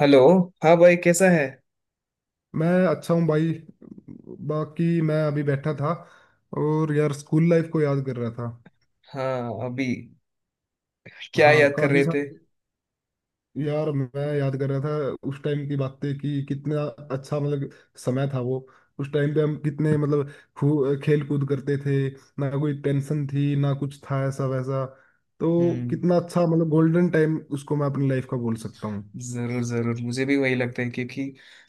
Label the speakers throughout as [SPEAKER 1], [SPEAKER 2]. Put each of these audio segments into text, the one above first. [SPEAKER 1] Hello. हाँ भाई, कैसा है?
[SPEAKER 2] मैं अच्छा हूँ भाई। बाकी मैं अभी बैठा था और यार स्कूल लाइफ को याद कर रहा था।
[SPEAKER 1] हाँ अभी क्या
[SPEAKER 2] हाँ,
[SPEAKER 1] याद कर
[SPEAKER 2] काफी
[SPEAKER 1] रहे थे?
[SPEAKER 2] सारे। यार मैं याद कर रहा था उस टाइम की बातें कि कितना अच्छा, मतलब, समय था वो। उस टाइम पे हम कितने, मतलब, खेल कूद करते थे। ना कोई टेंशन थी ना कुछ था ऐसा वैसा। तो
[SPEAKER 1] हम्म।
[SPEAKER 2] कितना अच्छा, मतलब, गोल्डन टाइम उसको मैं अपनी लाइफ का बोल सकता हूँ।
[SPEAKER 1] जरूर जरूर, मुझे भी वही लगता है, क्योंकि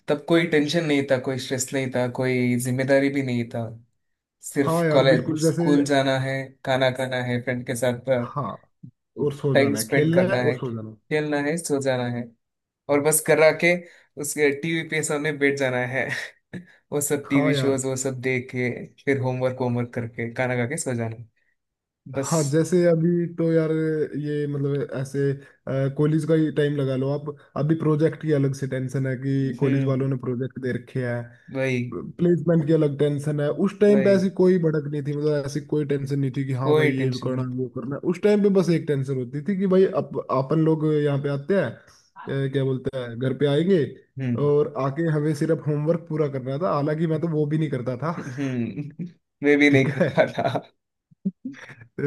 [SPEAKER 1] तब कोई टेंशन नहीं था, कोई स्ट्रेस नहीं था, कोई जिम्मेदारी भी नहीं था। सिर्फ
[SPEAKER 2] हाँ यार,
[SPEAKER 1] कॉलेज
[SPEAKER 2] बिल्कुल जैसे।
[SPEAKER 1] स्कूल जाना है, खाना खाना है फ्रेंड के साथ,
[SPEAKER 2] हाँ, और सो
[SPEAKER 1] टाइम
[SPEAKER 2] जाना है,
[SPEAKER 1] स्पेंड
[SPEAKER 2] खेलना
[SPEAKER 1] करना
[SPEAKER 2] है और
[SPEAKER 1] है,
[SPEAKER 2] सो जाना है।
[SPEAKER 1] खेलना है, सो जाना है। और बस करा के उसके टीवी पे सामने बैठ जाना है। वो सब
[SPEAKER 2] हाँ
[SPEAKER 1] टीवी
[SPEAKER 2] यार।
[SPEAKER 1] शोज वो सब देख के फिर होमवर्क होमवर्क करके खाना खा के सो जाना। बस।
[SPEAKER 2] हाँ, जैसे अभी तो यार ये, मतलब, ऐसे कॉलेज का ही टाइम लगा लो आप। अभी प्रोजेक्ट की अलग से टेंशन है कि कॉलेज
[SPEAKER 1] हम्म।
[SPEAKER 2] वालों ने प्रोजेक्ट दे रखे है।
[SPEAKER 1] वही।
[SPEAKER 2] प्लेसमेंट की अलग टेंशन है। उस टाइम पे ऐसी
[SPEAKER 1] वही।
[SPEAKER 2] कोई भड़क नहीं थी, मतलब ऐसी कोई टेंशन नहीं थी कि हाँ भाई
[SPEAKER 1] कोई
[SPEAKER 2] ये भी
[SPEAKER 1] टेंशन
[SPEAKER 2] करना
[SPEAKER 1] नहीं।
[SPEAKER 2] है, वो करना है। उस टाइम पे बस एक टेंशन होती थी कि भाई अपन लोग यहाँ पे आते हैं, क्या बोलते हैं, घर पे आएंगे।
[SPEAKER 1] हम्म।
[SPEAKER 2] और आके हमें सिर्फ होमवर्क पूरा करना था, हालांकि मैं तो वो भी नहीं करता था।
[SPEAKER 1] हम्म। मैं भी नहीं
[SPEAKER 2] ठीक है।
[SPEAKER 1] करता था।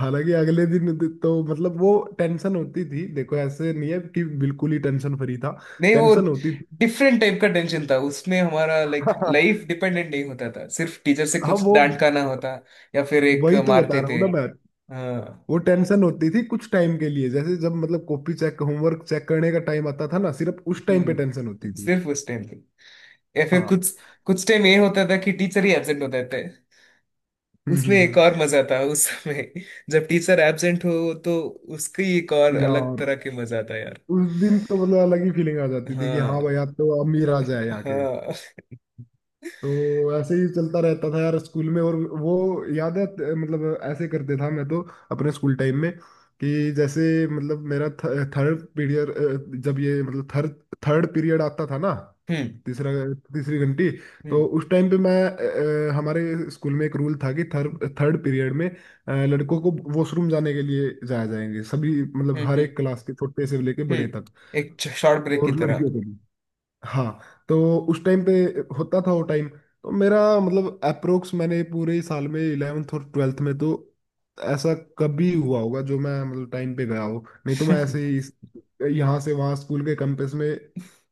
[SPEAKER 2] हालांकि अगले दिन तो मतलब वो टेंशन होती थी। देखो ऐसे नहीं है कि बिल्कुल ही टेंशन फ्री था।
[SPEAKER 1] नहीं, वो
[SPEAKER 2] टेंशन होती थी।
[SPEAKER 1] डिफरेंट टाइप का टेंशन था। उसमें हमारा लाइक लाइफ डिपेंडेंट नहीं होता था। सिर्फ टीचर से
[SPEAKER 2] हाँ
[SPEAKER 1] कुछ
[SPEAKER 2] वो।
[SPEAKER 1] डांट खाना होता या फिर एक
[SPEAKER 2] वही तो बता
[SPEAKER 1] मारते
[SPEAKER 2] रहा
[SPEAKER 1] थे।
[SPEAKER 2] हूँ ना मैं। वो
[SPEAKER 1] हाँ।
[SPEAKER 2] टेंशन होती थी कुछ टाइम के लिए, जैसे जब मतलब कॉपी चेक, होमवर्क चेक करने का टाइम आता था ना, सिर्फ उस टाइम पे टेंशन
[SPEAKER 1] हम्म,
[SPEAKER 2] होती थी।
[SPEAKER 1] सिर्फ उस टाइम पे। या फिर
[SPEAKER 2] हाँ।
[SPEAKER 1] कुछ कुछ टाइम ये होता था कि टीचर ही एब्सेंट होते थे।
[SPEAKER 2] हम्म
[SPEAKER 1] उसमें
[SPEAKER 2] हम्म
[SPEAKER 1] एक
[SPEAKER 2] हम्म।
[SPEAKER 1] और मजा था उस समय। जब टीचर एब्सेंट हो तो उसकी एक और अलग
[SPEAKER 2] यार
[SPEAKER 1] तरह के मजा था यार।
[SPEAKER 2] उस दिन तो मतलब अलग ही फीलिंग आ जाती थी कि हाँ
[SPEAKER 1] हाँ।
[SPEAKER 2] भाई आप तो अमीर आ जाए आके।
[SPEAKER 1] हाँ।
[SPEAKER 2] तो ऐसे ही चलता रहता था यार स्कूल में। और वो याद है, मतलब ऐसे करते था मैं तो अपने स्कूल टाइम में, कि जैसे मतलब मेरा थर्ड पीरियड जब, ये मतलब थर्ड थर्ड पीरियड आता था ना,
[SPEAKER 1] हम्म
[SPEAKER 2] तीसरा, तीसरी घंटी।
[SPEAKER 1] हम्म
[SPEAKER 2] तो उस टाइम पे मैं हमारे स्कूल में एक रूल था कि थर्ड थर्ड पीरियड में लड़कों को वॉशरूम जाने के लिए जाया जाएंगे, सभी मतलब
[SPEAKER 1] हम्म
[SPEAKER 2] हर
[SPEAKER 1] हम्म
[SPEAKER 2] एक क्लास के छोटे से लेके बड़े तक।
[SPEAKER 1] एक शॉर्ट ब्रेक की
[SPEAKER 2] और
[SPEAKER 1] तरह।
[SPEAKER 2] लड़कियों को भी। हाँ। तो उस टाइम पे होता था वो टाइम, तो मेरा मतलब अप्रोक्स मैंने पूरे साल में इलेवेंथ और ट्वेल्थ में तो ऐसा कभी हुआ होगा जो मैं मतलब टाइम पे गया हो, नहीं तो मैं ऐसे ही यहाँ से वहाँ स्कूल के कैंपस में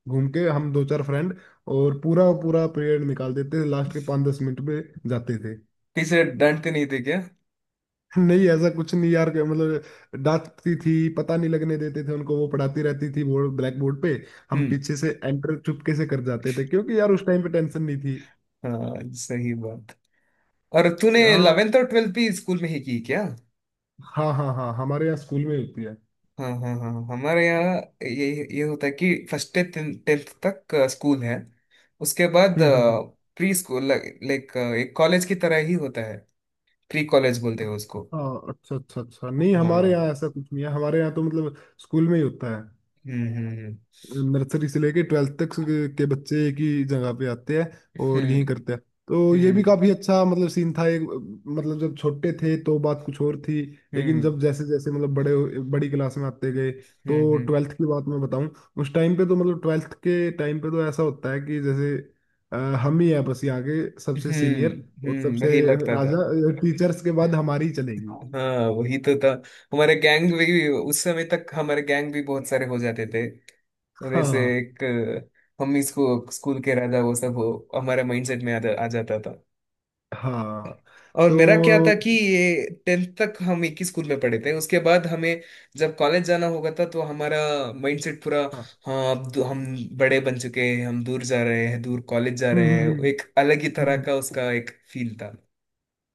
[SPEAKER 2] घूम के, हम दो चार फ्रेंड, और पूरा पूरा पीरियड निकाल देते थे, लास्ट के पाँच दस मिनट में जाते थे।
[SPEAKER 1] पीछे डांटते नहीं थे क्या?
[SPEAKER 2] नहीं ऐसा कुछ नहीं यार, मतलब डांटती थी, पता नहीं लगने देते थे उनको, वो पढ़ाती रहती थी बोर्ड, ब्लैक बोर्ड पे, हम
[SPEAKER 1] हम्म।
[SPEAKER 2] पीछे से एंटर चुपके से कर जाते थे क्योंकि यार उस टाइम पे टेंशन नहीं थी।
[SPEAKER 1] हाँ, सही बात। और तूने
[SPEAKER 2] हाँ
[SPEAKER 1] 11th और 12th भी स्कूल में ही की क्या?
[SPEAKER 2] हाँ हाँ। हाँ हमारे यहाँ स्कूल में होती है।
[SPEAKER 1] हाँ हाँ हाँ, हमारे यहाँ ये होता है कि फर्स्ट से टेंथ तक स्कूल है। उसके बाद
[SPEAKER 2] हम्म हम्म हम्म।
[SPEAKER 1] प्री स्कूल लाइक एक कॉलेज की तरह ही होता है। प्री कॉलेज बोलते हैं उसको।
[SPEAKER 2] हाँ, अच्छा अच्छा अच्छा। नहीं हमारे
[SPEAKER 1] हाँ।
[SPEAKER 2] यहाँ ऐसा कुछ नहीं है, हमारे यहाँ तो मतलब स्कूल में ही होता है।
[SPEAKER 1] हम्म हम्म
[SPEAKER 2] नर्सरी से लेके ट्वेल्थ तक के बच्चे एक ही जगह पे आते हैं और यहीं
[SPEAKER 1] हम्म
[SPEAKER 2] करते हैं। तो ये भी
[SPEAKER 1] हम्म
[SPEAKER 2] काफी अच्छा, मतलब, सीन था एक। मतलब जब छोटे थे तो बात कुछ और थी, लेकिन
[SPEAKER 1] हम्म
[SPEAKER 2] जब जैसे जैसे मतलब बड़ी क्लास में आते गए,
[SPEAKER 1] हम्म
[SPEAKER 2] तो
[SPEAKER 1] हम्म
[SPEAKER 2] ट्वेल्थ की बात मैं बताऊं, उस टाइम पे तो मतलब ट्वेल्थ के टाइम पे तो ऐसा होता है कि जैसे अ, हम ही है बस यहाँ के सबसे सीनियर और सबसे
[SPEAKER 1] वही लगता था।
[SPEAKER 2] राजा, टीचर्स के बाद हमारी ही चलेगी।
[SPEAKER 1] हाँ, वही तो था। हमारे गैंग भी उस समय तक, हमारे गैंग भी बहुत सारे हो जाते थे। वैसे
[SPEAKER 2] हाँ
[SPEAKER 1] एक हम इसको स्कूल के राजा वो सब हमारे माइंडसेट में आ जाता था।
[SPEAKER 2] हाँ
[SPEAKER 1] और मेरा क्या था
[SPEAKER 2] तो
[SPEAKER 1] कि ये टेंथ तक हम एक ही स्कूल में पढ़े थे। उसके बाद हमें जब कॉलेज जाना होगा था तो हमारा माइंडसेट पूरा।
[SPEAKER 2] हाँ।
[SPEAKER 1] हाँ, हम बड़े बन चुके हैं, हम दूर जा रहे हैं, दूर कॉलेज जा
[SPEAKER 2] हम्म
[SPEAKER 1] रहे
[SPEAKER 2] हम्म
[SPEAKER 1] हैं। एक
[SPEAKER 2] हम्म,
[SPEAKER 1] अलग ही तरह
[SPEAKER 2] हम्म।
[SPEAKER 1] का उसका एक फील था।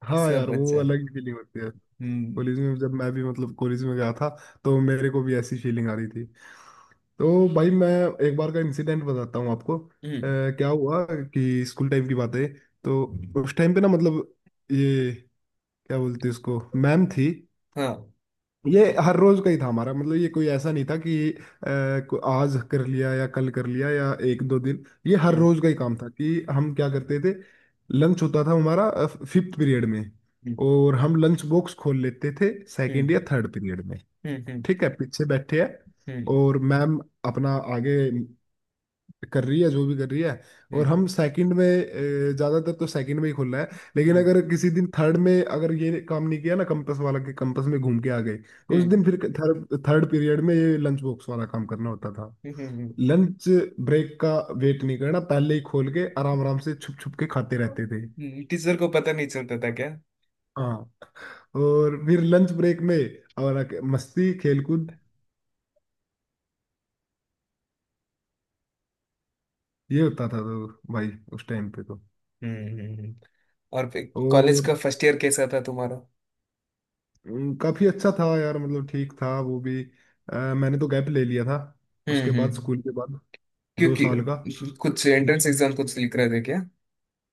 [SPEAKER 2] हाँ
[SPEAKER 1] सब
[SPEAKER 2] यार, वो
[SPEAKER 1] अच्छा था।
[SPEAKER 2] अलग ही फीलिंग होती है।
[SPEAKER 1] हम्म
[SPEAKER 2] कॉलेज में जब मैं भी मतलब कॉलेज में गया था, तो मेरे को भी ऐसी फीलिंग आ रही थी। तो भाई मैं एक बार का इंसिडेंट बताता हूँ आपको।
[SPEAKER 1] हम्म,
[SPEAKER 2] क्या हुआ कि स्कूल टाइम की बात है। तो उस टाइम पे ना मतलब ये, क्या बोलते हैं उसको, मैम थी।
[SPEAKER 1] हाँ।
[SPEAKER 2] ये हर रोज का ही था हमारा, मतलब ये कोई ऐसा नहीं था कि आज कर लिया या कल कर लिया या एक दो दिन। ये हर
[SPEAKER 1] हम्म
[SPEAKER 2] रोज का ही काम था कि हम क्या करते थे। लंच होता था हमारा फिफ्थ पीरियड में,
[SPEAKER 1] हम्म
[SPEAKER 2] और हम लंच बॉक्स खोल लेते थे सेकंड
[SPEAKER 1] हम्म
[SPEAKER 2] या थर्ड पीरियड में।
[SPEAKER 1] हम्म
[SPEAKER 2] ठीक है पीछे बैठे हैं,
[SPEAKER 1] हम्म
[SPEAKER 2] और मैम अपना आगे कर रही है जो भी कर रही है, और हम सेकंड में ज्यादातर तो सेकंड में ही खुल रहा है। लेकिन
[SPEAKER 1] हम्म
[SPEAKER 2] अगर किसी दिन थर्ड में अगर ये काम नहीं किया ना, कंपस वाला के कंपस में घूम के आ गए, तो उस दिन फिर थर्ड थर्ड पीरियड में ये लंच बॉक्स वाला काम करना होता था।
[SPEAKER 1] हम्म
[SPEAKER 2] लंच ब्रेक का वेट नहीं करना, पहले ही खोल के आराम आराम से छुप छुप के खाते रहते थे।
[SPEAKER 1] टीचर को पता नहीं चलता था क्या?
[SPEAKER 2] हाँ। और फिर लंच ब्रेक में और आके मस्ती खेलकूद, ये होता था। तो भाई उस टाइम पे तो।
[SPEAKER 1] हम्म। और कॉलेज
[SPEAKER 2] और
[SPEAKER 1] का फर्स्ट ईयर कैसा था तुम्हारा?
[SPEAKER 2] काफी अच्छा था यार, मतलब ठीक था वो भी। मैंने तो गैप ले लिया था उसके बाद,
[SPEAKER 1] हम्म,
[SPEAKER 2] स्कूल के बाद, दो
[SPEAKER 1] क्योंकि
[SPEAKER 2] साल का।
[SPEAKER 1] कुछ एंट्रेंस एग्जाम कुछ लिख रहे थे क्या?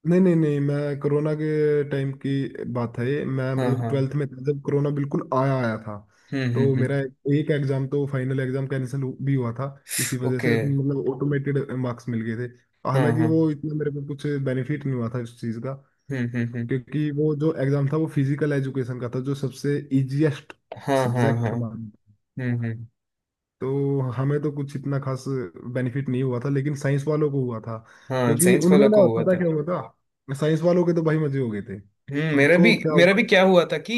[SPEAKER 2] नहीं नहीं नहीं, मैं कोरोना के टाइम की बात है ये, मैं
[SPEAKER 1] हाँ
[SPEAKER 2] मतलब
[SPEAKER 1] हाँ।
[SPEAKER 2] ट्वेल्थ में था जब कोरोना बिल्कुल आया आया था। तो मेरा
[SPEAKER 1] हम्म।
[SPEAKER 2] एक एग्जाम, तो फाइनल एग्जाम कैंसिल भी हुआ था, इसी वजह से
[SPEAKER 1] ओके।
[SPEAKER 2] उसमें मतलब ऑटोमेटेड मार्क्स मिल गए थे।
[SPEAKER 1] हाँ
[SPEAKER 2] हालांकि
[SPEAKER 1] हाँ।
[SPEAKER 2] वो इतना मेरे को कुछ बेनिफिट नहीं हुआ था इस चीज़ का,
[SPEAKER 1] हम्म।
[SPEAKER 2] क्योंकि वो जो एग्जाम था वो फिजिकल एजुकेशन का था, जो सबसे इजीएस्ट
[SPEAKER 1] हाँ हाँ हाँ।
[SPEAKER 2] सब्जेक्ट हमारा।
[SPEAKER 1] हम्म।
[SPEAKER 2] तो हमें तो कुछ इतना खास बेनिफिट नहीं हुआ था, लेकिन साइंस वालों को हुआ था,
[SPEAKER 1] हाँ
[SPEAKER 2] क्योंकि
[SPEAKER 1] साइंस
[SPEAKER 2] उनमें
[SPEAKER 1] वाला को
[SPEAKER 2] ना
[SPEAKER 1] हुआ
[SPEAKER 2] पता
[SPEAKER 1] था।
[SPEAKER 2] क्या हुआ था, साइंस वालों के तो भाई मजे हो गए थे।
[SPEAKER 1] हम्म, मेरा भी।
[SPEAKER 2] उनको क्या
[SPEAKER 1] मेरा भी
[SPEAKER 2] हुआ?
[SPEAKER 1] क्या हुआ था कि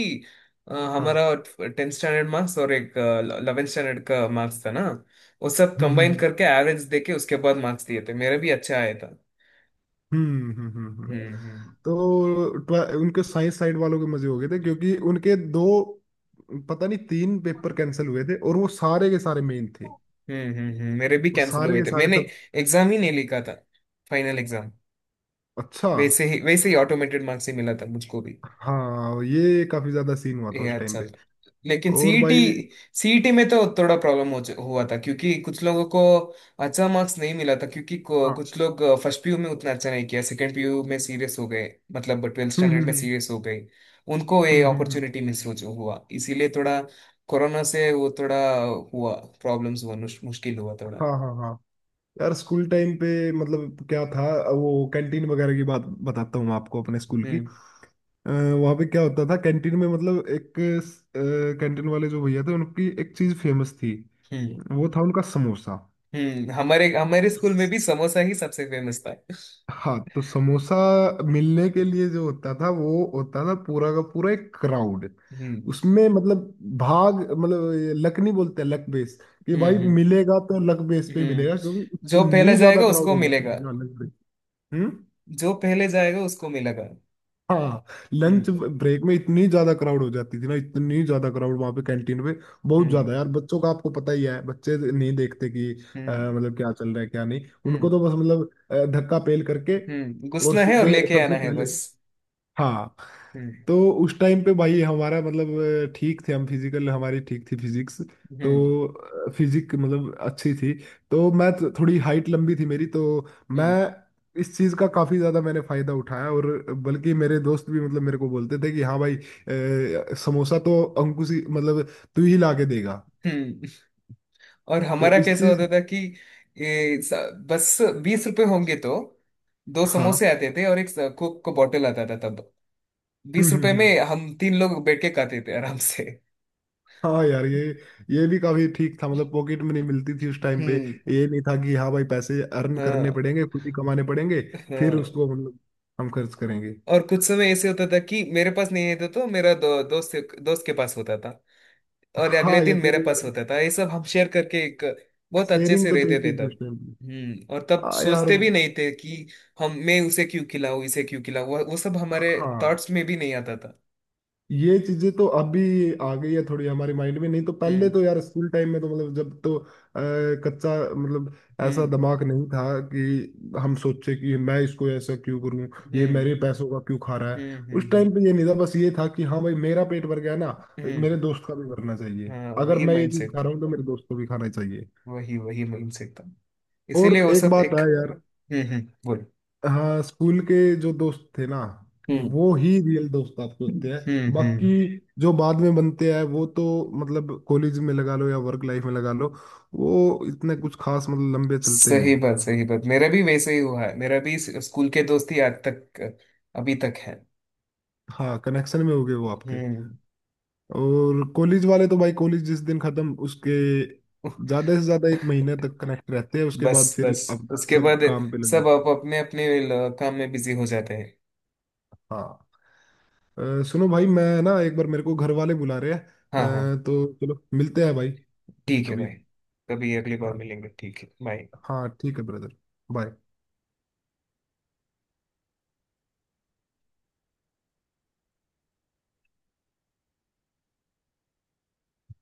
[SPEAKER 2] हाँ।
[SPEAKER 1] हमारा टेंथ स्टैंडर्ड मार्क्स और एक इलेवेंथ स्टैंडर्ड का मार्क्स था ना, वो सब
[SPEAKER 2] हम्म
[SPEAKER 1] कंबाइन
[SPEAKER 2] हम्म
[SPEAKER 1] करके एवरेज देके उसके बाद मार्क्स दिए थे। मेरे भी अच्छा आया था।
[SPEAKER 2] हम्म।
[SPEAKER 1] हम्म हम्म
[SPEAKER 2] तो उनके साइंस साइड वालों के मजे हो गए थे क्योंकि उनके दो, पता नहीं तीन पेपर कैंसिल हुए थे, और वो सारे के सारे मेन थे।
[SPEAKER 1] मेरे भी
[SPEAKER 2] वो
[SPEAKER 1] कैंसिल
[SPEAKER 2] सारे
[SPEAKER 1] हुए
[SPEAKER 2] के
[SPEAKER 1] थे।
[SPEAKER 2] सारे
[SPEAKER 1] मैंने
[SPEAKER 2] सब।
[SPEAKER 1] एग्जाम ही नहीं लिखा था, फाइनल एग्जाम।
[SPEAKER 2] अच्छा।
[SPEAKER 1] वैसे ही ऑटोमेटेड मार्क्स ही मिला था मुझको भी।
[SPEAKER 2] हाँ, ये काफी ज्यादा सीन हुआ था
[SPEAKER 1] ये
[SPEAKER 2] उस टाइम
[SPEAKER 1] अच्छा
[SPEAKER 2] पे।
[SPEAKER 1] था। लेकिन
[SPEAKER 2] और
[SPEAKER 1] सीईटी,
[SPEAKER 2] भाई।
[SPEAKER 1] सीईटी में तो थोड़ा प्रॉब्लम हो हुआ था, क्योंकि कुछ लोगों को अच्छा मार्क्स नहीं मिला था। क्योंकि
[SPEAKER 2] हाँ।
[SPEAKER 1] कुछ लोग फर्स्ट पीयू में उतना अच्छा नहीं किया, सेकंड पीयू में सीरियस हो गए, मतलब ट्वेल्थ
[SPEAKER 2] हम्म
[SPEAKER 1] स्टैंडर्ड
[SPEAKER 2] हम्म
[SPEAKER 1] में
[SPEAKER 2] हम्म
[SPEAKER 1] सीरियस हो गए। उनको ये
[SPEAKER 2] हम्म हम्म, हम्म।
[SPEAKER 1] अपॉर्चुनिटी मिस हो जो हुआ, इसीलिए थोड़ा कोरोना से वो थोड़ा हुआ। प्रॉब्लम्स हुआ, मुश्किल हुआ थोड़ा।
[SPEAKER 2] हाँ हाँ हाँ। यार स्कूल टाइम पे मतलब क्या था, वो कैंटीन वगैरह की बात बताता हूँ आपको अपने स्कूल की।
[SPEAKER 1] हम्म
[SPEAKER 2] वहाँ पे क्या होता था कैंटीन में, मतलब एक कैंटीन वाले जो भैया थे उनकी एक चीज फेमस थी,
[SPEAKER 1] हम्म
[SPEAKER 2] वो था उनका समोसा।
[SPEAKER 1] हम्म। हमारे हमारे स्कूल में भी समोसा ही सबसे फेमस था।
[SPEAKER 2] हाँ, तो समोसा मिलने के लिए जो होता था, वो होता था पूरा का पूरा एक क्राउड।
[SPEAKER 1] हम्म
[SPEAKER 2] उसमें मतलब भाग, मतलब ये लक नहीं बोलते, लक बेस, कि
[SPEAKER 1] हम्म
[SPEAKER 2] भाई
[SPEAKER 1] हम्म
[SPEAKER 2] मिलेगा तो लक बेस पे
[SPEAKER 1] हम्म।
[SPEAKER 2] मिलेगा क्योंकि
[SPEAKER 1] जो पहले
[SPEAKER 2] इतनी ज्यादा
[SPEAKER 1] जाएगा
[SPEAKER 2] क्राउड
[SPEAKER 1] उसको
[SPEAKER 2] हो जाती
[SPEAKER 1] मिलेगा।
[SPEAKER 2] है, हाँ, लक बेस। हम्म।
[SPEAKER 1] जो पहले जाएगा उसको मिलेगा।
[SPEAKER 2] हाँ,
[SPEAKER 1] हम्म
[SPEAKER 2] लंच ब्रेक में इतनी ज्यादा क्राउड हो जाती थी ना, इतनी ज्यादा क्राउड वहां पे कैंटीन पे, बहुत
[SPEAKER 1] हम्म
[SPEAKER 2] ज्यादा यार, बच्चों का आपको पता ही है, बच्चे नहीं देखते कि
[SPEAKER 1] हम्म
[SPEAKER 2] मतलब क्या चल रहा है क्या नहीं, उनको तो
[SPEAKER 1] हम्म,
[SPEAKER 2] बस मतलब धक्का पेल करके, और
[SPEAKER 1] घुसना है और
[SPEAKER 2] सीधे
[SPEAKER 1] लेके आना
[SPEAKER 2] सबसे
[SPEAKER 1] है
[SPEAKER 2] पहले।
[SPEAKER 1] बस।
[SPEAKER 2] हाँ।
[SPEAKER 1] हम्म
[SPEAKER 2] तो उस टाइम पे भाई हमारा मतलब ठीक थे हम, फिजिकल हमारी ठीक थी, फिजिक्स,
[SPEAKER 1] हम्म
[SPEAKER 2] तो फिजिक मतलब अच्छी थी, तो थोड़ी हाइट लंबी थी मेरी, तो मैं
[SPEAKER 1] हम्म
[SPEAKER 2] इस चीज़ का काफ़ी ज़्यादा मैंने फ़ायदा उठाया। और बल्कि मेरे दोस्त भी मतलब मेरे को बोलते थे कि हाँ भाई, समोसा तो अंकुश ही मतलब तू ही ला के देगा।
[SPEAKER 1] हम्म। और
[SPEAKER 2] तो
[SPEAKER 1] हमारा
[SPEAKER 2] इस
[SPEAKER 1] कैसा
[SPEAKER 2] चीज़।
[SPEAKER 1] होता था कि ये स- बस बीस रुपए होंगे तो दो
[SPEAKER 2] हाँ।
[SPEAKER 1] समोसे आते थे और एक कोक का बॉटल आता था। तब बीस रुपए में
[SPEAKER 2] हम्म।
[SPEAKER 1] हम तीन लोग बैठ के खाते थे आराम से।
[SPEAKER 2] हाँ यार ये भी काफी ठीक था, मतलब पॉकेट मनी मिलती थी उस टाइम पे।
[SPEAKER 1] हम्म।
[SPEAKER 2] ये नहीं था कि हाँ भाई पैसे अर्न करने
[SPEAKER 1] हाँ
[SPEAKER 2] पड़ेंगे, खुद ही कमाने पड़ेंगे, फिर
[SPEAKER 1] हाँ।
[SPEAKER 2] उसको मतलब हम खर्च करेंगे।
[SPEAKER 1] और कुछ समय ऐसे होता था कि मेरे पास नहीं होता तो मेरा दो, दोस्त दोस्त के पास होता था। और अगले
[SPEAKER 2] हाँ, ये
[SPEAKER 1] दिन
[SPEAKER 2] तो
[SPEAKER 1] मेरे पास
[SPEAKER 2] यार
[SPEAKER 1] होता था। ये सब हम शेयर करके एक बहुत अच्छे
[SPEAKER 2] शेयरिंग
[SPEAKER 1] से
[SPEAKER 2] तो
[SPEAKER 1] रहते थे
[SPEAKER 2] चलती थी उस
[SPEAKER 1] तब।
[SPEAKER 2] टाइम पे।
[SPEAKER 1] हम्म। और तब
[SPEAKER 2] हाँ यार।
[SPEAKER 1] सोचते भी नहीं थे कि हम मैं उसे क्यों खिलाऊं, इसे क्यों खिलाऊं, वो सब हमारे
[SPEAKER 2] हाँ,
[SPEAKER 1] थॉट्स में भी नहीं आता था।
[SPEAKER 2] ये चीजें तो अभी आ गई है थोड़ी हमारे माइंड में, नहीं तो पहले तो
[SPEAKER 1] हम्म
[SPEAKER 2] यार स्कूल टाइम में तो मतलब जब तो कच्चा, मतलब ऐसा
[SPEAKER 1] हम्म
[SPEAKER 2] दिमाग नहीं था कि हम सोचे कि मैं इसको ऐसा क्यों करूं, ये
[SPEAKER 1] हम्म
[SPEAKER 2] मेरे पैसों का क्यों खा रहा है।
[SPEAKER 1] हम्म हम्म
[SPEAKER 2] उस
[SPEAKER 1] हम्म
[SPEAKER 2] टाइम पे ये नहीं था, बस ये था कि हाँ भाई मेरा पेट भर गया ना, मेरे
[SPEAKER 1] हम्म,
[SPEAKER 2] दोस्त का भी भरना चाहिए,
[SPEAKER 1] हाँ
[SPEAKER 2] अगर
[SPEAKER 1] वही
[SPEAKER 2] मैं ये चीज
[SPEAKER 1] माइंडसेट
[SPEAKER 2] खा
[SPEAKER 1] था।
[SPEAKER 2] रहा हूँ तो मेरे दोस्त को भी खाना चाहिए।
[SPEAKER 1] वही वही माइंडसेट था।
[SPEAKER 2] और
[SPEAKER 1] इसीलिए वो
[SPEAKER 2] एक
[SPEAKER 1] सब
[SPEAKER 2] बात
[SPEAKER 1] एक।
[SPEAKER 2] है यार।
[SPEAKER 1] हम्म। बोल।
[SPEAKER 2] हाँ, स्कूल के जो दोस्त थे ना,
[SPEAKER 1] हम्म
[SPEAKER 2] वो ही रियल दोस्त आपके होते हैं।
[SPEAKER 1] हम्म,
[SPEAKER 2] बाकी जो बाद में बनते हैं वो तो मतलब कॉलेज में लगा लो या वर्क लाइफ में लगा लो, वो इतने कुछ खास मतलब लंबे चलते
[SPEAKER 1] सही
[SPEAKER 2] नहीं।
[SPEAKER 1] बात, सही बात। मेरा भी वैसे ही हुआ है। मेरा भी स्कूल के दोस्त ही आज तक अभी तक है।
[SPEAKER 2] हाँ, कनेक्शन में हो गए वो आपके।
[SPEAKER 1] हम्म।
[SPEAKER 2] और कॉलेज वाले तो भाई, कॉलेज जिस दिन खत्म उसके ज्यादा से ज्यादा एक महीने तक कनेक्ट रहते हैं, उसके बाद
[SPEAKER 1] बस
[SPEAKER 2] फिर
[SPEAKER 1] बस,
[SPEAKER 2] अपना
[SPEAKER 1] उसके
[SPEAKER 2] सब
[SPEAKER 1] बाद
[SPEAKER 2] काम पे लग
[SPEAKER 1] सब
[SPEAKER 2] जाते
[SPEAKER 1] आप
[SPEAKER 2] हैं।
[SPEAKER 1] अपने अपने काम में बिजी हो जाते हैं।
[SPEAKER 2] हाँ। सुनो भाई, मैं ना एक बार, मेरे को घर वाले बुला रहे हैं,
[SPEAKER 1] हाँ। हाँ
[SPEAKER 2] तो चलो मिलते हैं भाई,
[SPEAKER 1] ठीक है
[SPEAKER 2] कभी।
[SPEAKER 1] भाई। कभी अगली बार
[SPEAKER 2] हाँ
[SPEAKER 1] मिलेंगे, ठीक है, बाय।
[SPEAKER 2] हाँ, ठीक है ब्रदर। बाय।